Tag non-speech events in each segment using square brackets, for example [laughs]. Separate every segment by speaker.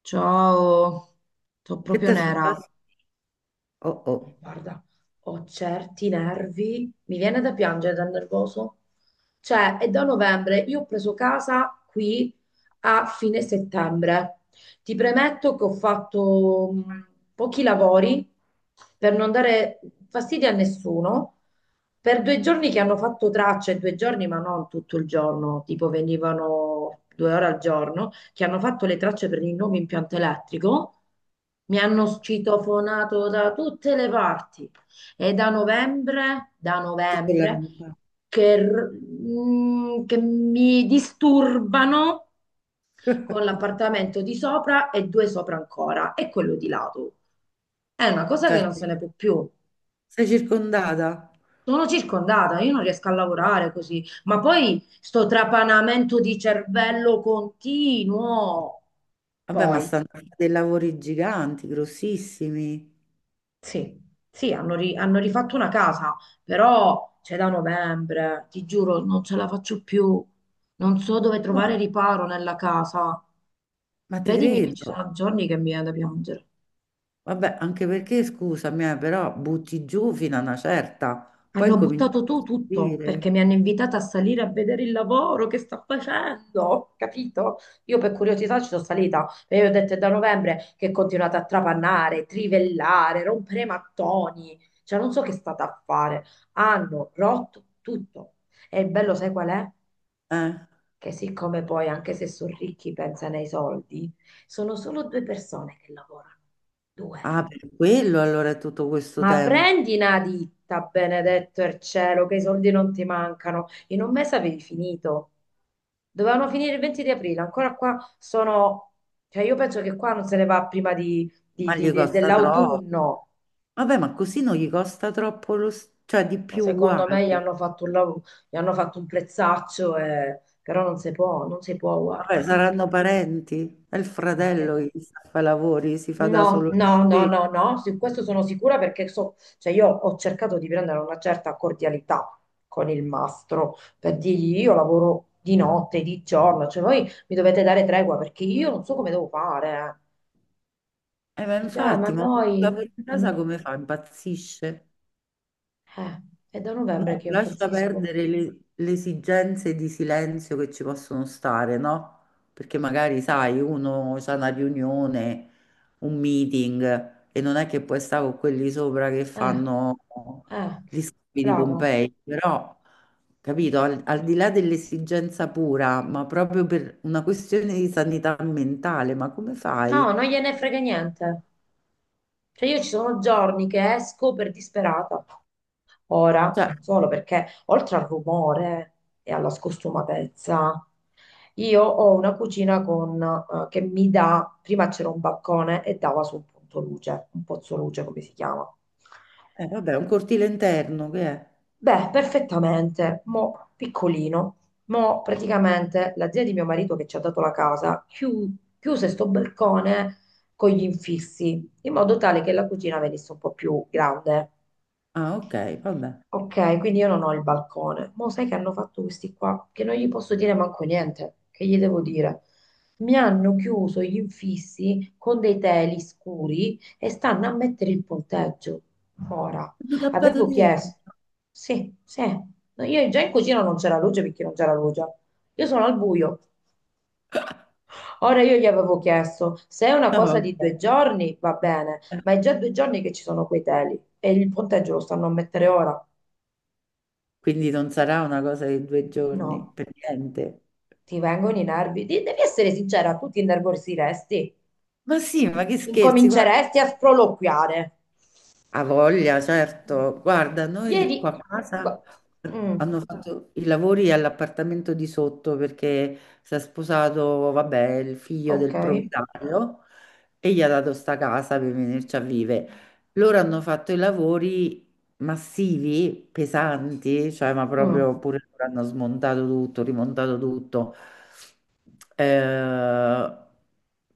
Speaker 1: Ciao, sono
Speaker 2: Che
Speaker 1: proprio
Speaker 2: ti è
Speaker 1: nera.
Speaker 2: successo? Oh oh.
Speaker 1: Guarda, ho certi nervi, mi viene da piangere dal nervoso. Cioè, è da novembre, io ho preso casa qui a fine settembre. Ti premetto che ho fatto pochi lavori per non dare fastidio a nessuno per due giorni che hanno fatto tracce, due giorni ma non tutto il giorno, tipo venivano due ore al giorno, che hanno fatto le tracce per il nuovo impianto elettrico, mi hanno citofonato da tutte le parti. E da novembre,
Speaker 2: Sì, con l'amica.
Speaker 1: che, che mi disturbano con l'appartamento di sopra e due sopra ancora, e quello di lato. È una cosa che
Speaker 2: Cioè
Speaker 1: non se ne può più.
Speaker 2: sei circondata?
Speaker 1: Sono circondata, io non riesco a lavorare così, ma poi sto trapanamento di cervello continuo.
Speaker 2: Vabbè, ma
Speaker 1: Poi,
Speaker 2: stanno a fare dei lavori giganti, grossissimi.
Speaker 1: sì, sì, hanno, hanno rifatto una casa, però c'è da novembre, ti giuro, non ce la faccio più. Non so dove
Speaker 2: No,
Speaker 1: trovare riparo nella casa.
Speaker 2: ma ti
Speaker 1: Credimi che ci
Speaker 2: credo.
Speaker 1: sono giorni che mi viene da piangere.
Speaker 2: Vabbè, anche perché, scusami, però butti giù fino a una certa, poi
Speaker 1: Hanno
Speaker 2: incominci
Speaker 1: buttato
Speaker 2: a
Speaker 1: tu tutto
Speaker 2: costruire.
Speaker 1: perché mi hanno invitata a salire a vedere il lavoro che sta facendo, capito? Io per curiosità ci sono salita e io ho detto è da novembre che continuate a trapannare, trivellare, rompere mattoni, cioè non so che state a fare. Hanno rotto tutto. E il bello sai qual è?
Speaker 2: Eh?
Speaker 1: Che siccome poi anche se sono ricchi pensano ai soldi, sono solo due persone che lavorano, due.
Speaker 2: Ah, per quello allora è tutto questo
Speaker 1: Ma
Speaker 2: tempo.
Speaker 1: prendi una ditta, benedetto il cielo, che i soldi non ti mancano. In un mese avevi finito. Dovevano finire il 20 di aprile, ancora qua sono... Cioè io penso che qua non se ne va prima di,
Speaker 2: Ma gli costa troppo.
Speaker 1: dell'autunno.
Speaker 2: Vabbè, ma così non gli costa troppo lo, s- cioè di
Speaker 1: Ma
Speaker 2: più
Speaker 1: secondo
Speaker 2: uguale.
Speaker 1: me gli hanno fatto un, gli hanno fatto un prezzaccio, però non si può, non si può,
Speaker 2: Vabbè,
Speaker 1: guarda. In più.
Speaker 2: saranno parenti? È il
Speaker 1: Ma che
Speaker 2: fratello
Speaker 1: ne...
Speaker 2: che gli sta a fare i lavori, si fa da
Speaker 1: No,
Speaker 2: solo le
Speaker 1: no, no,
Speaker 2: spese.
Speaker 1: no, no, su questo sono sicura perché so, cioè io ho cercato di prendere una certa cordialità con il mastro per dirgli io lavoro di notte, di giorno, cioè voi mi dovete dare tregua perché io non so come devo fare.
Speaker 2: Ma
Speaker 1: Eh. Dice: ma
Speaker 2: infatti, ma un
Speaker 1: noi...
Speaker 2: lavoro in
Speaker 1: ma
Speaker 2: casa come fa? Impazzisce?
Speaker 1: eh, è da novembre
Speaker 2: No,
Speaker 1: che io
Speaker 2: lascia
Speaker 1: impazzisco."
Speaker 2: perdere le esigenze di silenzio che ci possono stare, no? Perché magari, sai, uno ha una riunione, un meeting e non è che puoi stare con quelli sopra che
Speaker 1: Eh,
Speaker 2: fanno
Speaker 1: eh,
Speaker 2: gli scavi di
Speaker 1: bravo.
Speaker 2: Pompei, però, capito, al, al di là dell'esigenza pura, ma proprio per una questione di sanità mentale, ma come
Speaker 1: No,
Speaker 2: fai?
Speaker 1: non gliene frega niente. Cioè io ci sono giorni che esco per disperata. Ora,
Speaker 2: Cioè,
Speaker 1: non solo perché oltre al rumore e alla scostumatezza, io ho una cucina con, che mi dà, prima c'era un balcone e dava su un punto luce, un pozzo luce come si chiama.
Speaker 2: vabbè, un cortile interno che è?
Speaker 1: Beh, perfettamente, mo piccolino, mo praticamente la zia di mio marito che ci ha dato la casa chiuse sto balcone con gli infissi, in modo tale che la cucina venisse un po' più grande.
Speaker 2: Ah, ok, vabbè.
Speaker 1: Ok, quindi io non ho il balcone. Ma sai che hanno fatto questi qua? Che non gli posso dire manco niente. Che gli devo dire? Mi hanno chiuso gli infissi con dei teli scuri e stanno a mettere il ponteggio. Ora,
Speaker 2: Tutto tappato
Speaker 1: avevo
Speaker 2: di...
Speaker 1: chiesto. Sì, sì. No, io già in cucina non c'era luce perché non c'era luce. Io sono al buio. Ora io gli avevo chiesto se è una
Speaker 2: No,
Speaker 1: cosa
Speaker 2: vabbè.
Speaker 1: di due giorni va bene, ma è già due giorni che ci sono quei teli e il ponteggio lo stanno a mettere ora.
Speaker 2: Quindi non sarà una cosa di 2 giorni,
Speaker 1: No.
Speaker 2: per niente.
Speaker 1: Ti vengono i nervi? Devi essere sincera, tu ti innervosiresti,
Speaker 2: Ma sì, ma che scherzi, guarda,
Speaker 1: incominceresti a sproloquiare.
Speaker 2: ha voglia, certo. Guarda, noi
Speaker 1: Ieri...
Speaker 2: qua a casa
Speaker 1: Gu- Mm,
Speaker 2: hanno fatto i lavori all'appartamento di sotto perché si è sposato, vabbè, il figlio
Speaker 1: ok.
Speaker 2: del proprietario e gli ha dato sta casa per venirci a vivere. Loro hanno fatto i lavori massivi, pesanti, cioè ma
Speaker 1: Mm.
Speaker 2: proprio pure loro hanno smontato tutto, rimontato tutto. Eh,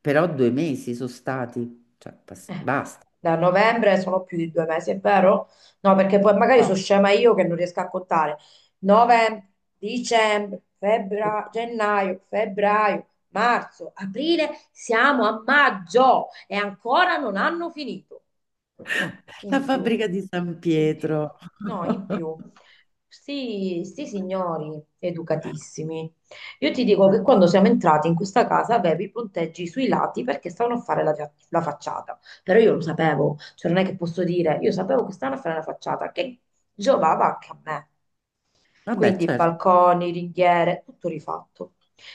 Speaker 2: però 2 mesi sono stati, cioè bas-
Speaker 1: Eh,
Speaker 2: basta.
Speaker 1: da novembre sono più di due mesi, è vero? No, perché poi magari sono scema io che non riesco a contare. Novembre, dicembre, febbraio, gennaio, febbraio, marzo, aprile, siamo a maggio e ancora non hanno finito.
Speaker 2: La
Speaker 1: In più,
Speaker 2: fabbrica di San
Speaker 1: in più,
Speaker 2: Pietro.
Speaker 1: no, in
Speaker 2: [laughs]
Speaker 1: più. Sti signori educatissimi. Io ti dico
Speaker 2: Eh,
Speaker 1: che quando siamo entrati in questa casa avevi i punteggi sui lati perché stavano a fare la, la facciata. Però io lo sapevo, cioè non è che posso dire, io sapevo che stavano a fare la facciata, che giovava anche a me.
Speaker 2: vabbè,
Speaker 1: Quindi
Speaker 2: certo.
Speaker 1: balconi, ringhiere, tutto rifatto.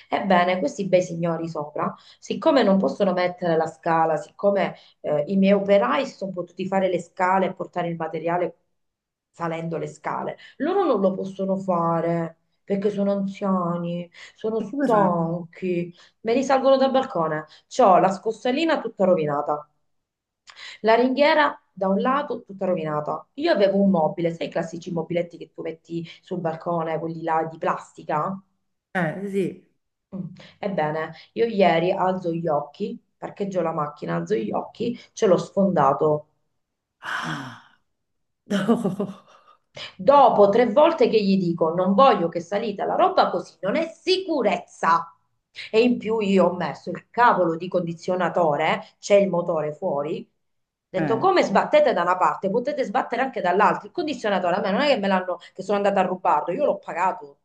Speaker 1: Ebbene, questi bei signori sopra, siccome non possono mettere la scala, siccome i miei operai si sono potuti fare le scale e portare il materiale salendo le scale. Loro non lo possono fare perché sono anziani, sono
Speaker 2: E come fanno?
Speaker 1: stanchi, me li salgono dal balcone. C'ho la scossalina tutta rovinata, la ringhiera da un lato tutta rovinata. Io avevo un mobile, sai i classici mobiletti che tu metti sul balcone, quelli là di plastica?
Speaker 2: Sì.
Speaker 1: Mm. Ebbene, io ieri alzo gli occhi, parcheggio la macchina, alzo gli occhi, ce l'ho sfondato.
Speaker 2: Ah, no.
Speaker 1: Dopo tre volte che gli dico non voglio che salita la roba così, non è sicurezza. E in più io ho messo il cavolo di condizionatore, c'è il motore fuori. Ho detto
Speaker 2: Eh,
Speaker 1: come sbattete da una parte, potete sbattere anche dall'altra. Il condizionatore a me non è che me l'hanno, che sono andata a rubarlo, io l'ho pagato.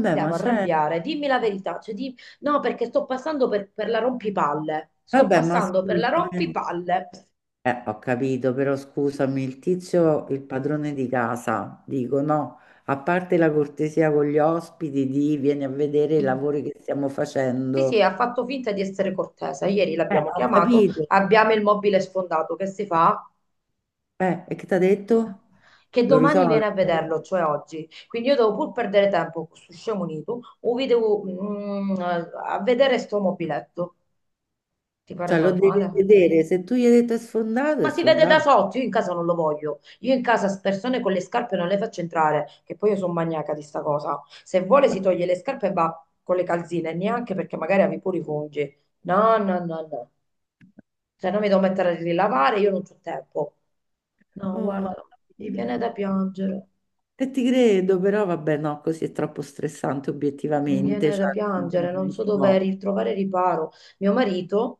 Speaker 1: Mi
Speaker 2: ma
Speaker 1: devo
Speaker 2: c'è...
Speaker 1: arrabbiare, dimmi la verità. Cioè, no, perché sto passando per la rompipalle. Sto
Speaker 2: Vabbè, ma
Speaker 1: passando per la
Speaker 2: scusami.
Speaker 1: rompipalle.
Speaker 2: Eh, ho capito, però scusami, il tizio, il padrone di casa, dico no, a parte la cortesia con gli ospiti di vieni a vedere i
Speaker 1: Mm.
Speaker 2: lavori che stiamo
Speaker 1: Sì, sì,
Speaker 2: facendo.
Speaker 1: ha fatto finta di essere cortese. Ieri l'abbiamo
Speaker 2: Ho
Speaker 1: chiamato,
Speaker 2: capito.
Speaker 1: abbiamo il mobile sfondato. Che si fa?
Speaker 2: E che ti ha detto?
Speaker 1: Che
Speaker 2: Lo
Speaker 1: domani
Speaker 2: risolve?
Speaker 1: viene a vederlo, cioè oggi. Quindi io devo pur perdere tempo con sto scemo unito, o vi devo a vedere sto mobiletto. Ti pare
Speaker 2: Cioè, lo devi
Speaker 1: normale?
Speaker 2: vedere, se tu gli hai detto è sfondato,
Speaker 1: Ma
Speaker 2: è
Speaker 1: si vede da
Speaker 2: sfondato.
Speaker 1: sotto, io in casa non lo voglio. Io in casa persone con le scarpe non le faccio entrare, che poi io sono maniaca di sta cosa. Se vuole si toglie le scarpe e va con le calzine, neanche perché magari avevi pure i funghi. No, no, no, no. Cioè, non mi devo mettere a rilavare, io non ho tempo. No,
Speaker 2: Oh mamma
Speaker 1: guarda, mi viene
Speaker 2: mia.
Speaker 1: da piangere,
Speaker 2: E ti credo, però vabbè, no, così è troppo stressante
Speaker 1: mi
Speaker 2: obiettivamente,
Speaker 1: viene da
Speaker 2: cioè,
Speaker 1: piangere, non
Speaker 2: non
Speaker 1: so
Speaker 2: si
Speaker 1: dove
Speaker 2: può.
Speaker 1: ritrovare riparo. Mio marito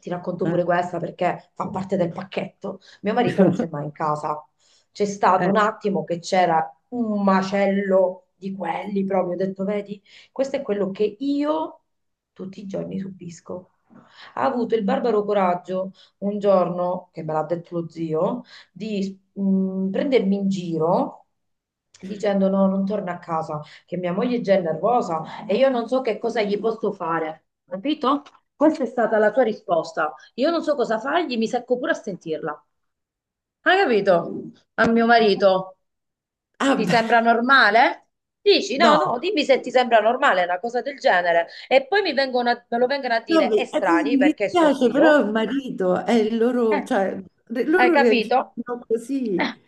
Speaker 1: ti racconto
Speaker 2: Eh.
Speaker 1: pure questa perché fa parte del pacchetto. Mio marito non c'è mai
Speaker 2: [laughs]
Speaker 1: in casa. C'è stato
Speaker 2: Eh.
Speaker 1: un attimo che c'era un macello di quelli proprio. Ho detto, vedi, questo è quello che io tutti i giorni subisco. Ha avuto il barbaro coraggio un giorno, che me l'ha detto lo zio, di prendermi in giro. Dicendo no, non torna a casa, che mia moglie è già è nervosa e io non so che cosa gli posso fare, capito? Questa è stata la tua risposta. Io non so cosa fargli, mi secco pure a sentirla. Hai capito? A mio marito,
Speaker 2: Ah,
Speaker 1: ti
Speaker 2: beh,
Speaker 1: sembra normale? Dici no,
Speaker 2: no,
Speaker 1: no, dimmi se ti sembra normale una cosa del genere. E poi mi vengono me lo vengono a
Speaker 2: no,
Speaker 1: dire
Speaker 2: mi sì,
Speaker 1: estranei
Speaker 2: mi
Speaker 1: perché è suo
Speaker 2: dispiace, però
Speaker 1: zio.
Speaker 2: il marito è il
Speaker 1: Eh,
Speaker 2: loro, cioè, re-
Speaker 1: hai
Speaker 2: loro
Speaker 1: capito?
Speaker 2: reagiscono così.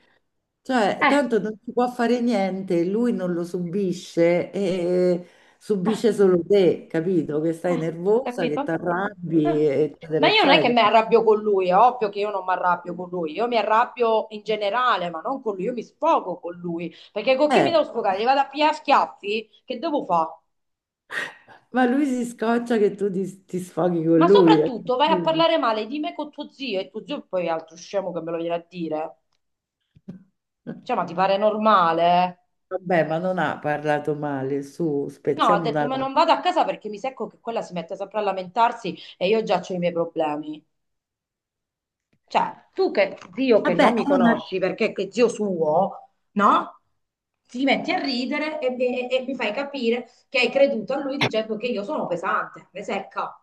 Speaker 2: Cioè,
Speaker 1: Eh.
Speaker 2: tanto non si può fare niente, lui non lo subisce e subisce solo te, capito? Che stai
Speaker 1: Eh,
Speaker 2: nervosa, che ti
Speaker 1: capito?
Speaker 2: arrabbi,
Speaker 1: Mm.
Speaker 2: eccetera,
Speaker 1: Ma io non è che
Speaker 2: eccetera.
Speaker 1: mi arrabbio con lui, è ovvio che io non mi arrabbio con lui, io mi arrabbio in generale, ma non con lui, io mi sfogo con lui, perché con chi mi
Speaker 2: Eh,
Speaker 1: devo sfogare? Gli vado a pigliare a schiaffi? Che devo fare?
Speaker 2: ma lui si scoccia che tu ti, ti sfoghi con
Speaker 1: Ma
Speaker 2: lui. Eh.
Speaker 1: soprattutto vai a parlare male di me con tuo zio e tuo zio poi è altro scemo che me lo viene a dire. Cioè, ma ti pare normale?
Speaker 2: Vabbè, ma non ha parlato male, su,
Speaker 1: No, ha
Speaker 2: spezziamo una
Speaker 1: detto, ma non
Speaker 2: lancia.
Speaker 1: vado a casa perché mi secco che quella si mette sempre a lamentarsi e io già ho i miei problemi. Cioè, tu che zio che non
Speaker 2: Vabbè,
Speaker 1: mi
Speaker 2: è una,
Speaker 1: conosci perché che zio suo, no? Ti metti a ridere e, mi fai capire che hai creduto a lui dicendo che io sono pesante, me secca.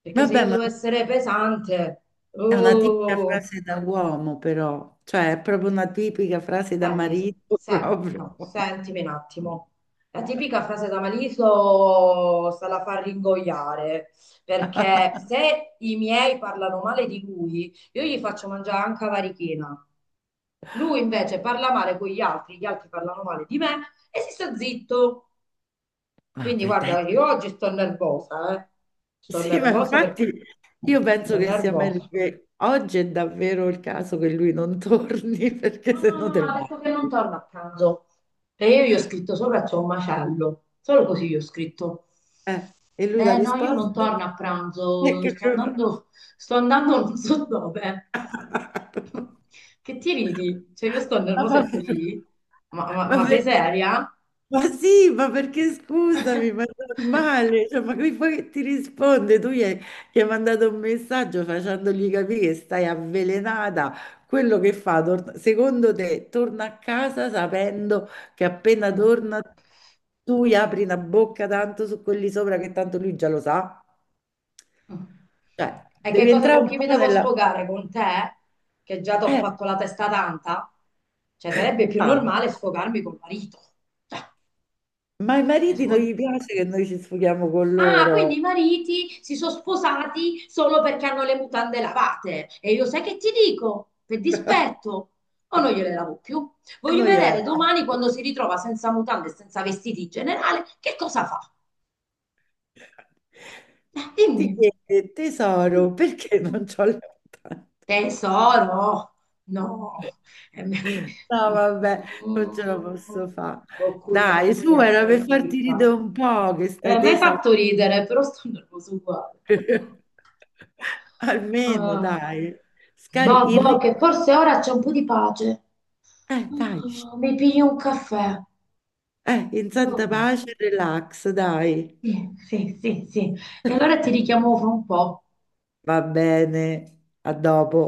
Speaker 1: Perché se
Speaker 2: vabbè,
Speaker 1: io
Speaker 2: ma
Speaker 1: devo essere pesante,
Speaker 2: è una tipica
Speaker 1: oh,
Speaker 2: frase da uomo, però, cioè, è proprio una tipica frase da
Speaker 1: senti, se,
Speaker 2: marito, [laughs] proprio.
Speaker 1: no, sentimi un attimo. La tipica frase da Maliso sta la fa ringoiare, perché se i miei parlano male di lui, io gli faccio mangiare anche la varichina. Lui invece parla male con gli altri parlano male di me e si sta zitto. Quindi
Speaker 2: Vabbè, dai.
Speaker 1: guarda, io oggi sto nervosa, eh. Sto
Speaker 2: Sì, ma
Speaker 1: nervosa
Speaker 2: infatti
Speaker 1: perché
Speaker 2: io penso
Speaker 1: sto
Speaker 2: che sia meglio
Speaker 1: nervosa.
Speaker 2: che oggi è davvero il caso che lui non torni [laughs] perché
Speaker 1: No,
Speaker 2: se
Speaker 1: no,
Speaker 2: no
Speaker 1: no,
Speaker 2: te ne
Speaker 1: ha detto che non
Speaker 2: vai.
Speaker 1: torna a pranzo. E io gli ho scritto sopra c'è un macello, solo così gli ho scritto.
Speaker 2: E lui la
Speaker 1: Eh no, io non
Speaker 2: risposta
Speaker 1: torno a
Speaker 2: è [laughs]
Speaker 1: pranzo,
Speaker 2: che...
Speaker 1: sto andando non so dove.
Speaker 2: [laughs]
Speaker 1: Che ti ridi? Cioè io sto
Speaker 2: Ma
Speaker 1: nervosa
Speaker 2: va
Speaker 1: e tu
Speaker 2: bene.
Speaker 1: ridi? Ma,
Speaker 2: Ma
Speaker 1: ma sei
Speaker 2: perché?
Speaker 1: seria?
Speaker 2: Ma sì, ma perché scusami, ma è
Speaker 1: [laughs]
Speaker 2: normale, cioè, ma qui poi ti risponde, tu gli hai mandato un messaggio facendogli capire che stai avvelenata, quello che fa, tor- secondo te, torna a casa sapendo che appena
Speaker 1: Ah,
Speaker 2: torna tu gli apri una bocca tanto su quelli sopra che tanto lui già lo sa,
Speaker 1: ah.
Speaker 2: cioè
Speaker 1: E che
Speaker 2: devi
Speaker 1: cosa
Speaker 2: entrare
Speaker 1: con
Speaker 2: un
Speaker 1: chi mi
Speaker 2: po'
Speaker 1: devo
Speaker 2: nella...
Speaker 1: sfogare? Con te? Che già ti ho
Speaker 2: Eh,
Speaker 1: fatto la testa tanta? Cioè, sarebbe più
Speaker 2: calma.
Speaker 1: normale sfogarmi col marito.
Speaker 2: Ma ai
Speaker 1: Cioè,
Speaker 2: mariti non
Speaker 1: secondo-
Speaker 2: gli piace che noi ci sfughiamo con
Speaker 1: Ah, quindi i
Speaker 2: loro
Speaker 1: mariti si sono sposati solo perché hanno le mutande lavate. E io sai che ti dico? Per
Speaker 2: [laughs]
Speaker 1: dispetto. O non gliele lavo più.
Speaker 2: e
Speaker 1: Voglio
Speaker 2: noi gliele
Speaker 1: vedere
Speaker 2: diamo.
Speaker 1: domani quando si ritrova senza mutande e senza vestiti in generale, che cosa fa?
Speaker 2: Ti
Speaker 1: Dimmi.
Speaker 2: chiede,
Speaker 1: Mm.
Speaker 2: tesoro, perché non
Speaker 1: Mm.
Speaker 2: c'ho le mutande?
Speaker 1: Tesoro, no. Eh,
Speaker 2: No,
Speaker 1: mm,
Speaker 2: vabbè, non ce la posso fare.
Speaker 1: Boccuccia
Speaker 2: Dai, su,
Speaker 1: mia,
Speaker 2: era
Speaker 1: stai
Speaker 2: per farti
Speaker 1: zitta.
Speaker 2: ridere un po', che stai
Speaker 1: Mi hai
Speaker 2: tesa.
Speaker 1: fatto ridere, però sto nervoso uguale.
Speaker 2: [laughs] Almeno,
Speaker 1: Ah,
Speaker 2: dai. Scarica
Speaker 1: boh,
Speaker 2: il
Speaker 1: boh, che
Speaker 2: ritmo.
Speaker 1: forse ora c'è un po' di pace.
Speaker 2: Dai. Shh.
Speaker 1: Ah, mi piglio un caffè.
Speaker 2: In santa
Speaker 1: Oh,
Speaker 2: pace, relax, dai.
Speaker 1: sì, sì, sì, sì. E allora ti richiamo fra un po'.
Speaker 2: Va bene, a dopo.